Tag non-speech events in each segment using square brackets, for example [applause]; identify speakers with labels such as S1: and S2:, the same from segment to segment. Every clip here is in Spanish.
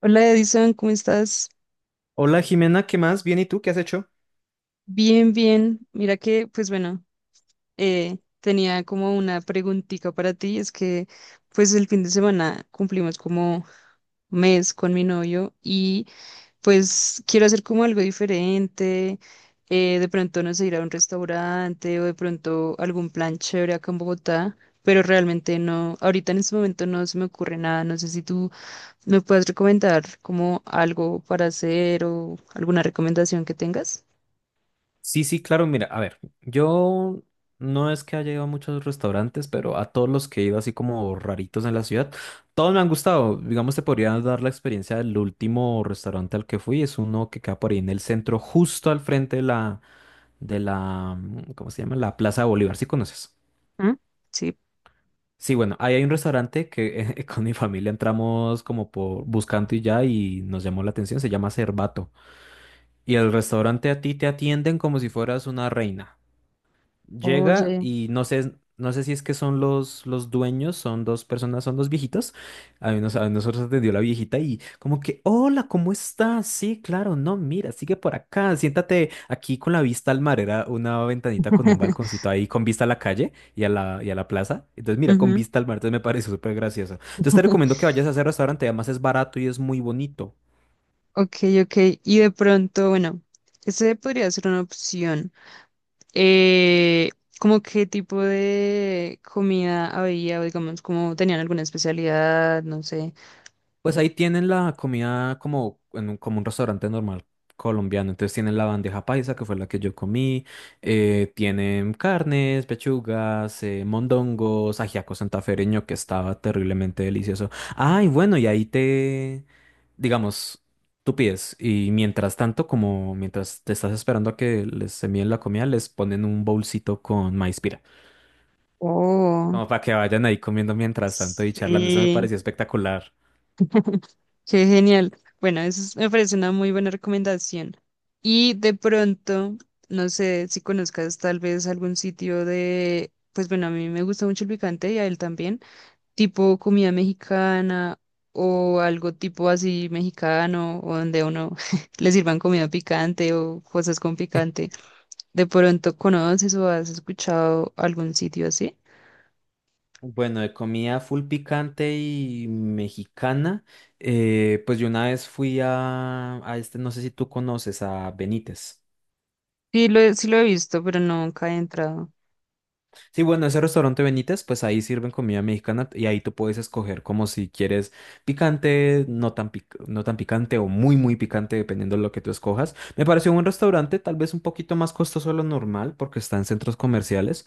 S1: Hola Edison, ¿cómo estás?
S2: Hola Jimena, ¿qué más? Bien, ¿y tú qué has hecho?
S1: Bien, bien. Mira que, pues bueno, tenía como una preguntita para ti. Es que, pues el fin de semana cumplimos como mes con mi novio y pues quiero hacer como algo diferente. De pronto, no sé, ir a un restaurante o de pronto algún plan chévere acá en Bogotá, pero realmente no, ahorita en este momento no se me ocurre nada. No sé si tú ¿me puedes recomendar como algo para hacer o alguna recomendación que tengas?
S2: Sí, sí, claro, mira, a ver, yo no es que haya ido a muchos restaurantes, pero a todos los que he ido así como raritos en la ciudad, todos me han gustado. Digamos, te podría dar la experiencia del último restaurante al que fui, es uno que queda por ahí en el centro, justo al frente de la, ¿cómo se llama? La Plaza de Bolívar, ¿sí conoces?
S1: ¿Mm? Sí.
S2: Sí, bueno, ahí hay un restaurante que [laughs] con mi familia entramos como por buscando y ya y nos llamó la atención, se llama Cervato. Y el restaurante a ti te atienden como si fueras una reina. Llega
S1: Oye.
S2: y no sé, no sé si es que son los dueños, son dos personas, son dos viejitos. A mí nos- a nosotros atendió la viejita y como que, hola, ¿cómo estás? Sí, claro, no, mira, sigue por acá, siéntate aquí con la vista al mar. Era una ventanita con un
S1: [laughs]
S2: balconcito ahí con vista a la calle y a la plaza. Entonces, mira, con
S1: Ujú.
S2: vista al mar, entonces me pareció súper gracioso. Entonces te recomiendo que
S1: [laughs]
S2: vayas a ese restaurante, además es barato y es muy bonito.
S1: Ok, ok. Y de pronto, bueno, ese podría ser una opción. Eh, ¿Cómo qué tipo de comida había? O digamos, ¿cómo tenían alguna especialidad? No sé.
S2: Pues ahí tienen la comida como, en un, como un restaurante normal colombiano. Entonces tienen la bandeja paisa, que fue la que yo comí. Tienen carnes, pechugas, mondongos, ajiaco santafereño, que estaba terriblemente delicioso. Ay, bueno, y ahí te, digamos, tú pides. Y mientras tanto, como mientras te estás esperando a que les envíen la comida, les ponen un bolsito con maíz pira.
S1: Oh,
S2: Como para que vayan ahí comiendo mientras tanto y charlando. Eso me
S1: sí.
S2: pareció espectacular.
S1: Qué genial. Bueno, eso es- me parece una muy buena recomendación. Y de pronto, no sé si conozcas tal vez algún sitio de, pues bueno, a mí me gusta mucho el picante y a él también, tipo comida mexicana o algo tipo así mexicano, o donde a uno [laughs] le sirvan comida picante o cosas con picante. ¿De pronto conoces o has escuchado algún sitio así?
S2: Bueno, de comida full picante y mexicana, pues yo una vez fui a este, no sé si tú conoces, a Benítez.
S1: Sí lo he visto, pero nunca he entrado.
S2: Sí, bueno, ese restaurante Benítez, pues ahí sirven comida mexicana y ahí tú puedes escoger como si quieres picante, no tan, pic- no tan picante o muy, muy picante, dependiendo de lo que tú escojas. Me pareció un restaurante tal vez un poquito más costoso de lo normal porque está en centros comerciales.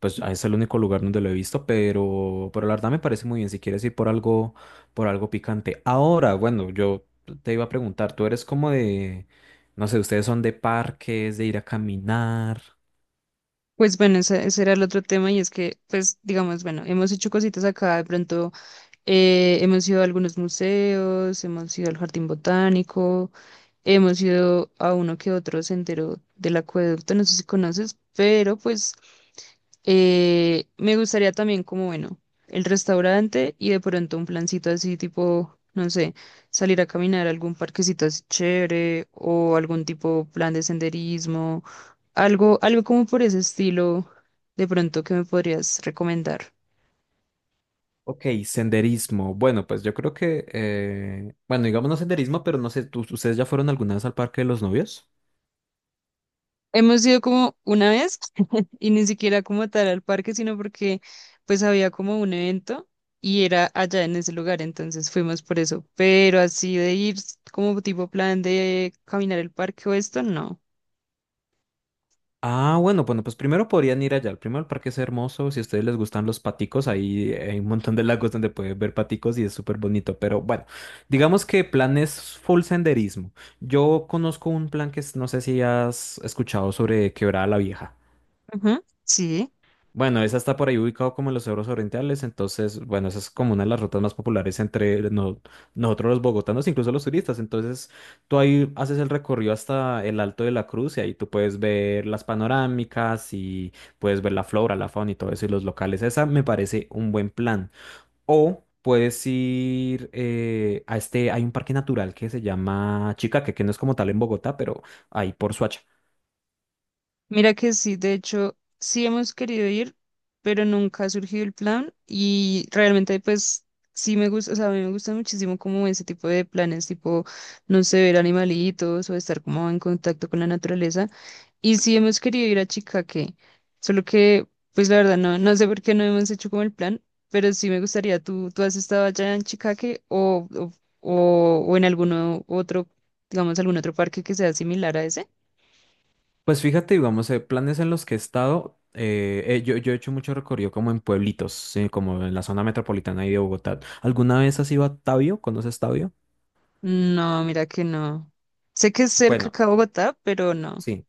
S2: Pues es el único lugar donde lo he visto, pero la verdad me parece muy bien si quieres ir por algo picante. Ahora, bueno, yo te iba a preguntar, tú eres como de, no sé, ustedes son de parques, de ir a caminar.
S1: Pues bueno, ese era el otro tema y es que, pues digamos, bueno, hemos hecho cositas acá, de pronto hemos ido a algunos museos, hemos ido al jardín botánico, hemos ido a uno que otro sendero del acueducto, no sé si conoces, pero pues me gustaría también como, bueno, el restaurante y de pronto un plancito así tipo, no sé, salir a caminar a algún parquecito así chévere o algún tipo plan de senderismo, algo, algo como por ese estilo, de pronto que me podrías recomendar.
S2: Ok, senderismo. Bueno, pues yo creo que, bueno, digamos no senderismo, pero no sé, ¿tú- ¿ustedes ya fueron alguna vez al Parque de los Novios?
S1: Hemos ido como una vez [laughs] y ni siquiera como tal al parque, sino porque pues había como un evento y era allá en ese lugar, entonces fuimos por eso. Pero así de ir como tipo plan de caminar el parque o esto, no.
S2: Ah, bueno, bueno, pues primero podrían ir allá. Primero el parque es hermoso. Si a ustedes les gustan los paticos, ahí hay un montón de lagos donde pueden ver paticos y es súper bonito. Pero bueno, digamos que plan es full senderismo. Yo conozco un plan que es- no sé si has escuchado sobre Quebrada la Vieja.
S1: Ujú, sí,
S2: Bueno, esa está por ahí ubicado como en los cerros orientales, entonces, bueno, esa es como una de las rutas más populares entre no- nosotros los bogotanos, incluso los turistas. Entonces, tú ahí haces el recorrido hasta el Alto de la Cruz y ahí tú puedes ver las panorámicas y puedes ver la flora, la fauna y todo eso y los locales. Esa me parece un buen plan. O puedes ir a este, hay un parque natural que se llama Chicaque, que no es como tal en Bogotá, pero ahí por.
S1: mira que sí, de hecho sí hemos querido ir, pero nunca ha surgido el plan y realmente pues sí me gusta, o sea, a mí me gusta muchísimo como ese tipo de planes, tipo, no sé, ver animalitos o estar como en contacto con la naturaleza. Y sí hemos querido ir a Chicaque, solo que, pues la verdad, no, no sé por qué no hemos hecho como el plan, pero sí me gustaría, ¿tú has estado allá en Chicaque o en alguno otro, digamos, algún otro parque que sea similar a ese?
S2: Pues fíjate, digamos, planes en los que he estado, yo he hecho mucho recorrido como en pueblitos, como en la zona metropolitana ahí de Bogotá. ¿Alguna vez has ido a Tabio? ¿Conoces Tabio?
S1: No, mira que no. Sé que es cerca
S2: Bueno,
S1: acá a Bogotá, pero no.
S2: sí.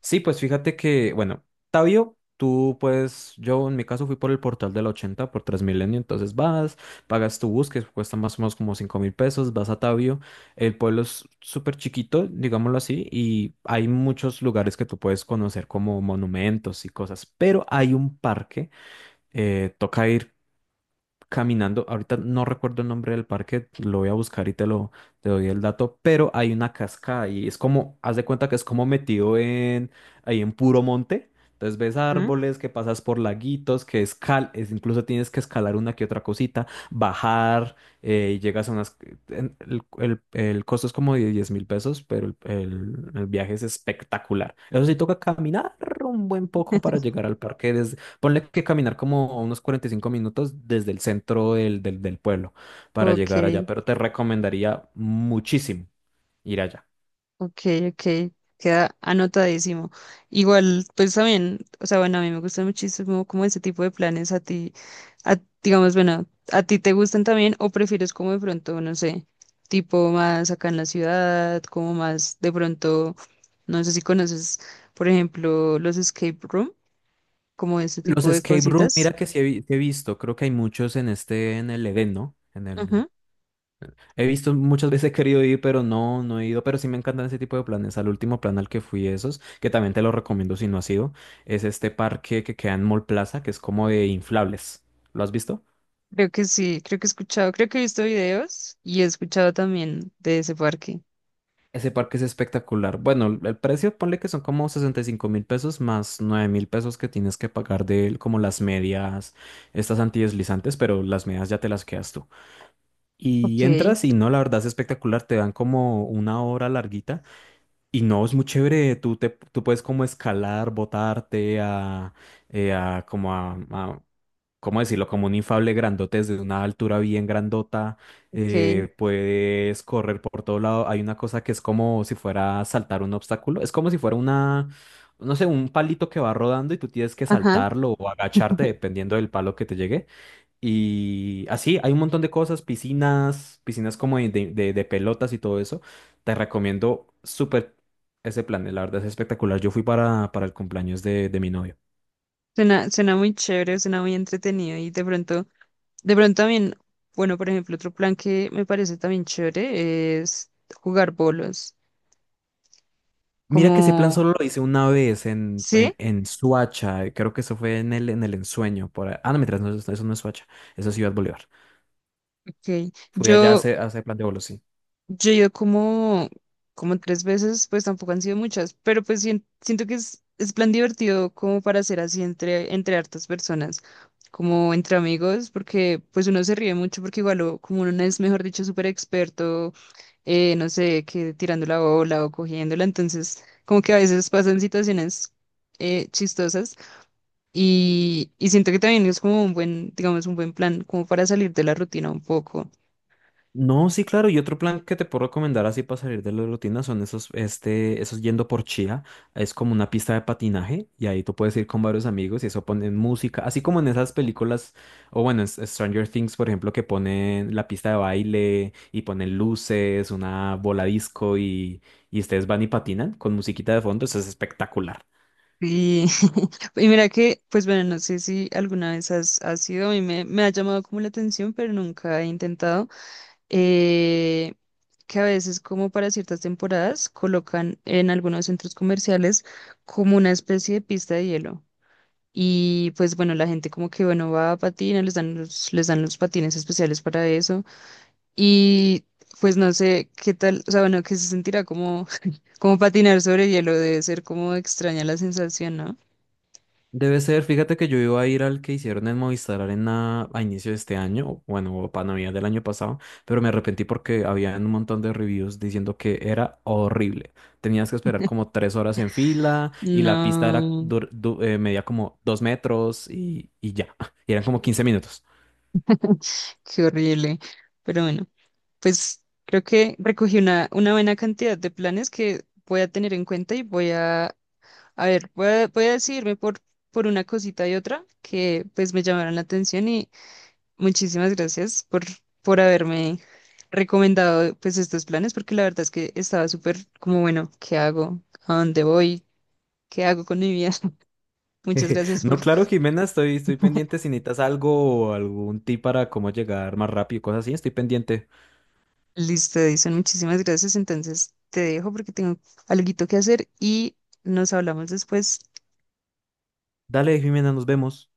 S2: Sí, pues fíjate que, bueno, Tabio, tú pues, yo en mi caso fui por el portal del 80 por Transmilenio, entonces vas, pagas tu bus, que cuesta más o menos como 5 mil pesos, vas a Tabio, el pueblo es súper chiquito, digámoslo así, y hay muchos lugares que tú puedes conocer como monumentos y cosas, pero hay un parque toca ir caminando. Ahorita no recuerdo el nombre del parque, lo voy a buscar y te doy el dato, pero hay una cascada y es como, haz de cuenta que es como metido en ahí en puro monte. Entonces ves
S1: ¿Mm?
S2: árboles, que pasas por laguitos, que escal, es, incluso tienes que escalar una que otra cosita, bajar, y llegas a unas... en- El costo es como de 10 mil pesos, pero el viaje es espectacular. Eso sí, toca caminar un buen poco para llegar al parque. Ponle que caminar como unos 45 minutos desde el centro del pueblo para
S1: Ok.
S2: llegar allá, pero te recomendaría muchísimo ir allá.
S1: Ok, ok, queda anotadísimo. Igual, pues también, o sea, bueno, a mí me gustan muchísimo como ese tipo de planes a ti, a- digamos, bueno, ¿a ti te gustan también o prefieres como de pronto, no sé, tipo más acá en la ciudad, como más de pronto, no sé si conoces, por ejemplo, los escape room, como ese
S2: Los
S1: tipo de
S2: escape room,
S1: cositas?
S2: mira que sí he, vi- sí he visto, creo que hay muchos en este, en el Edén, ¿no? En el,
S1: Ujú,
S2: he visto muchas veces he querido ir, pero no, no he ido, pero sí me encantan ese tipo de planes. Al último plan al que fui esos, que también te lo recomiendo si no has ido, es este parque que queda en Mall Plaza, que es como de inflables. ¿Lo has visto?
S1: creo que sí, creo que he escuchado, creo que he visto videos y he escuchado también de ese parque.
S2: Ese parque es espectacular. Bueno, el precio, ponle que son como 65 mil pesos más 9 mil pesos que tienes que pagar de como las medias, estas antideslizantes, pero las medias ya te las quedas tú. Y
S1: Ok,
S2: entras y no, la verdad es espectacular. Te dan como una hora larguita y no, es muy chévere. Tú puedes como escalar, botarte a como a- ¿cómo decirlo? Como un infable grandote desde una altura bien grandota,
S1: ok,
S2: puedes correr por todo lado. Hay una cosa que es como si fuera saltar un obstáculo, es como si fuera una, no sé, un palito que va rodando y tú tienes que
S1: ajá.
S2: saltarlo o agacharte dependiendo del palo que te llegue. Y así, hay un montón de cosas, piscinas, como de, de pelotas y todo eso. Te recomiendo súper ese plan, la verdad es espectacular. Yo fui para el cumpleaños de mi novia.
S1: Suena, suena muy chévere, suena muy entretenido y de pronto también, bueno, por ejemplo, otro plan que me parece también chévere es jugar bolos,
S2: Mira que ese plan
S1: como,
S2: solo lo hice una vez
S1: ¿sí?
S2: en Suacha, creo que eso fue en el ensueño. Por ahí. Ah, no, mientras no, eso no es Suacha, eso es Ciudad Bolívar.
S1: Ok,
S2: Fui allá
S1: yo,
S2: a ese plan de bolos, sí.
S1: yo he ido como, como tres veces, pues tampoco han sido muchas, pero pues sien- siento que es plan divertido como para hacer así entre, entre hartas personas, como entre amigos, porque pues uno se ríe mucho porque igual o- como uno no es, mejor dicho, súper experto no sé, que tirando la bola o cogiéndola. Entonces, como que a veces pasan situaciones chistosas y siento que también es como un buen, digamos, un buen plan, como para salir de la rutina un poco.
S2: No, sí, claro. Y otro plan que te puedo recomendar así para salir de la rutina son esos, este, esos yendo por Chía. Es como una pista de patinaje y ahí tú puedes ir con varios amigos y eso ponen música, así como en esas películas, o bueno, en S- Stranger Things, por ejemplo, que ponen la pista de baile y ponen luces, una bola disco y ustedes van y patinan con musiquita de fondo. Eso es espectacular.
S1: Y, [laughs] y mira que, pues bueno, no sé si alguna vez has, has sido, a mí me, me ha llamado como la atención, pero nunca he intentado, eh, que a veces como para ciertas temporadas colocan en algunos centros comerciales como una especie de pista de hielo. Y pues bueno, la gente como que bueno va a patinar, les dan los patines especiales para eso. Y pues no sé qué tal, o sea, bueno, que se sentirá como, [laughs] como patinar sobre hielo, debe ser como extraña la sensación, ¿no?
S2: Debe ser, fíjate que yo iba a ir al que hicieron en Movistar Arena a inicio de este año, o bueno, o para Navidad del año pasado, pero me arrepentí porque había un montón de reviews diciendo que era horrible. Tenías que esperar como 3 horas en fila y la pista era
S1: No,
S2: dur- du- medía como 2 metros y ya, [laughs] y eran como 15 minutos.
S1: qué horrible. Pero bueno, pues creo que recogí una buena cantidad de planes que voy a tener en cuenta y voy a ver, voy a, voy a decidirme por una cosita y otra que pues me llamaron la atención. Muchísimas gracias por haberme recomendado pues estos planes, porque la verdad es que estaba súper como, bueno, ¿qué hago? ¿A dónde voy? ¿Qué hago con mi vida? [laughs] Muchas
S2: [laughs]
S1: gracias
S2: No,
S1: por...
S2: claro, Jimena, estoy pendiente
S1: [laughs]
S2: si necesitas algo o algún tip para cómo llegar más rápido y cosas así, estoy pendiente.
S1: Listo, Edison, muchísimas gracias. Entonces te dejo porque tengo algo que hacer y nos hablamos después.
S2: Dale, Jimena, nos vemos.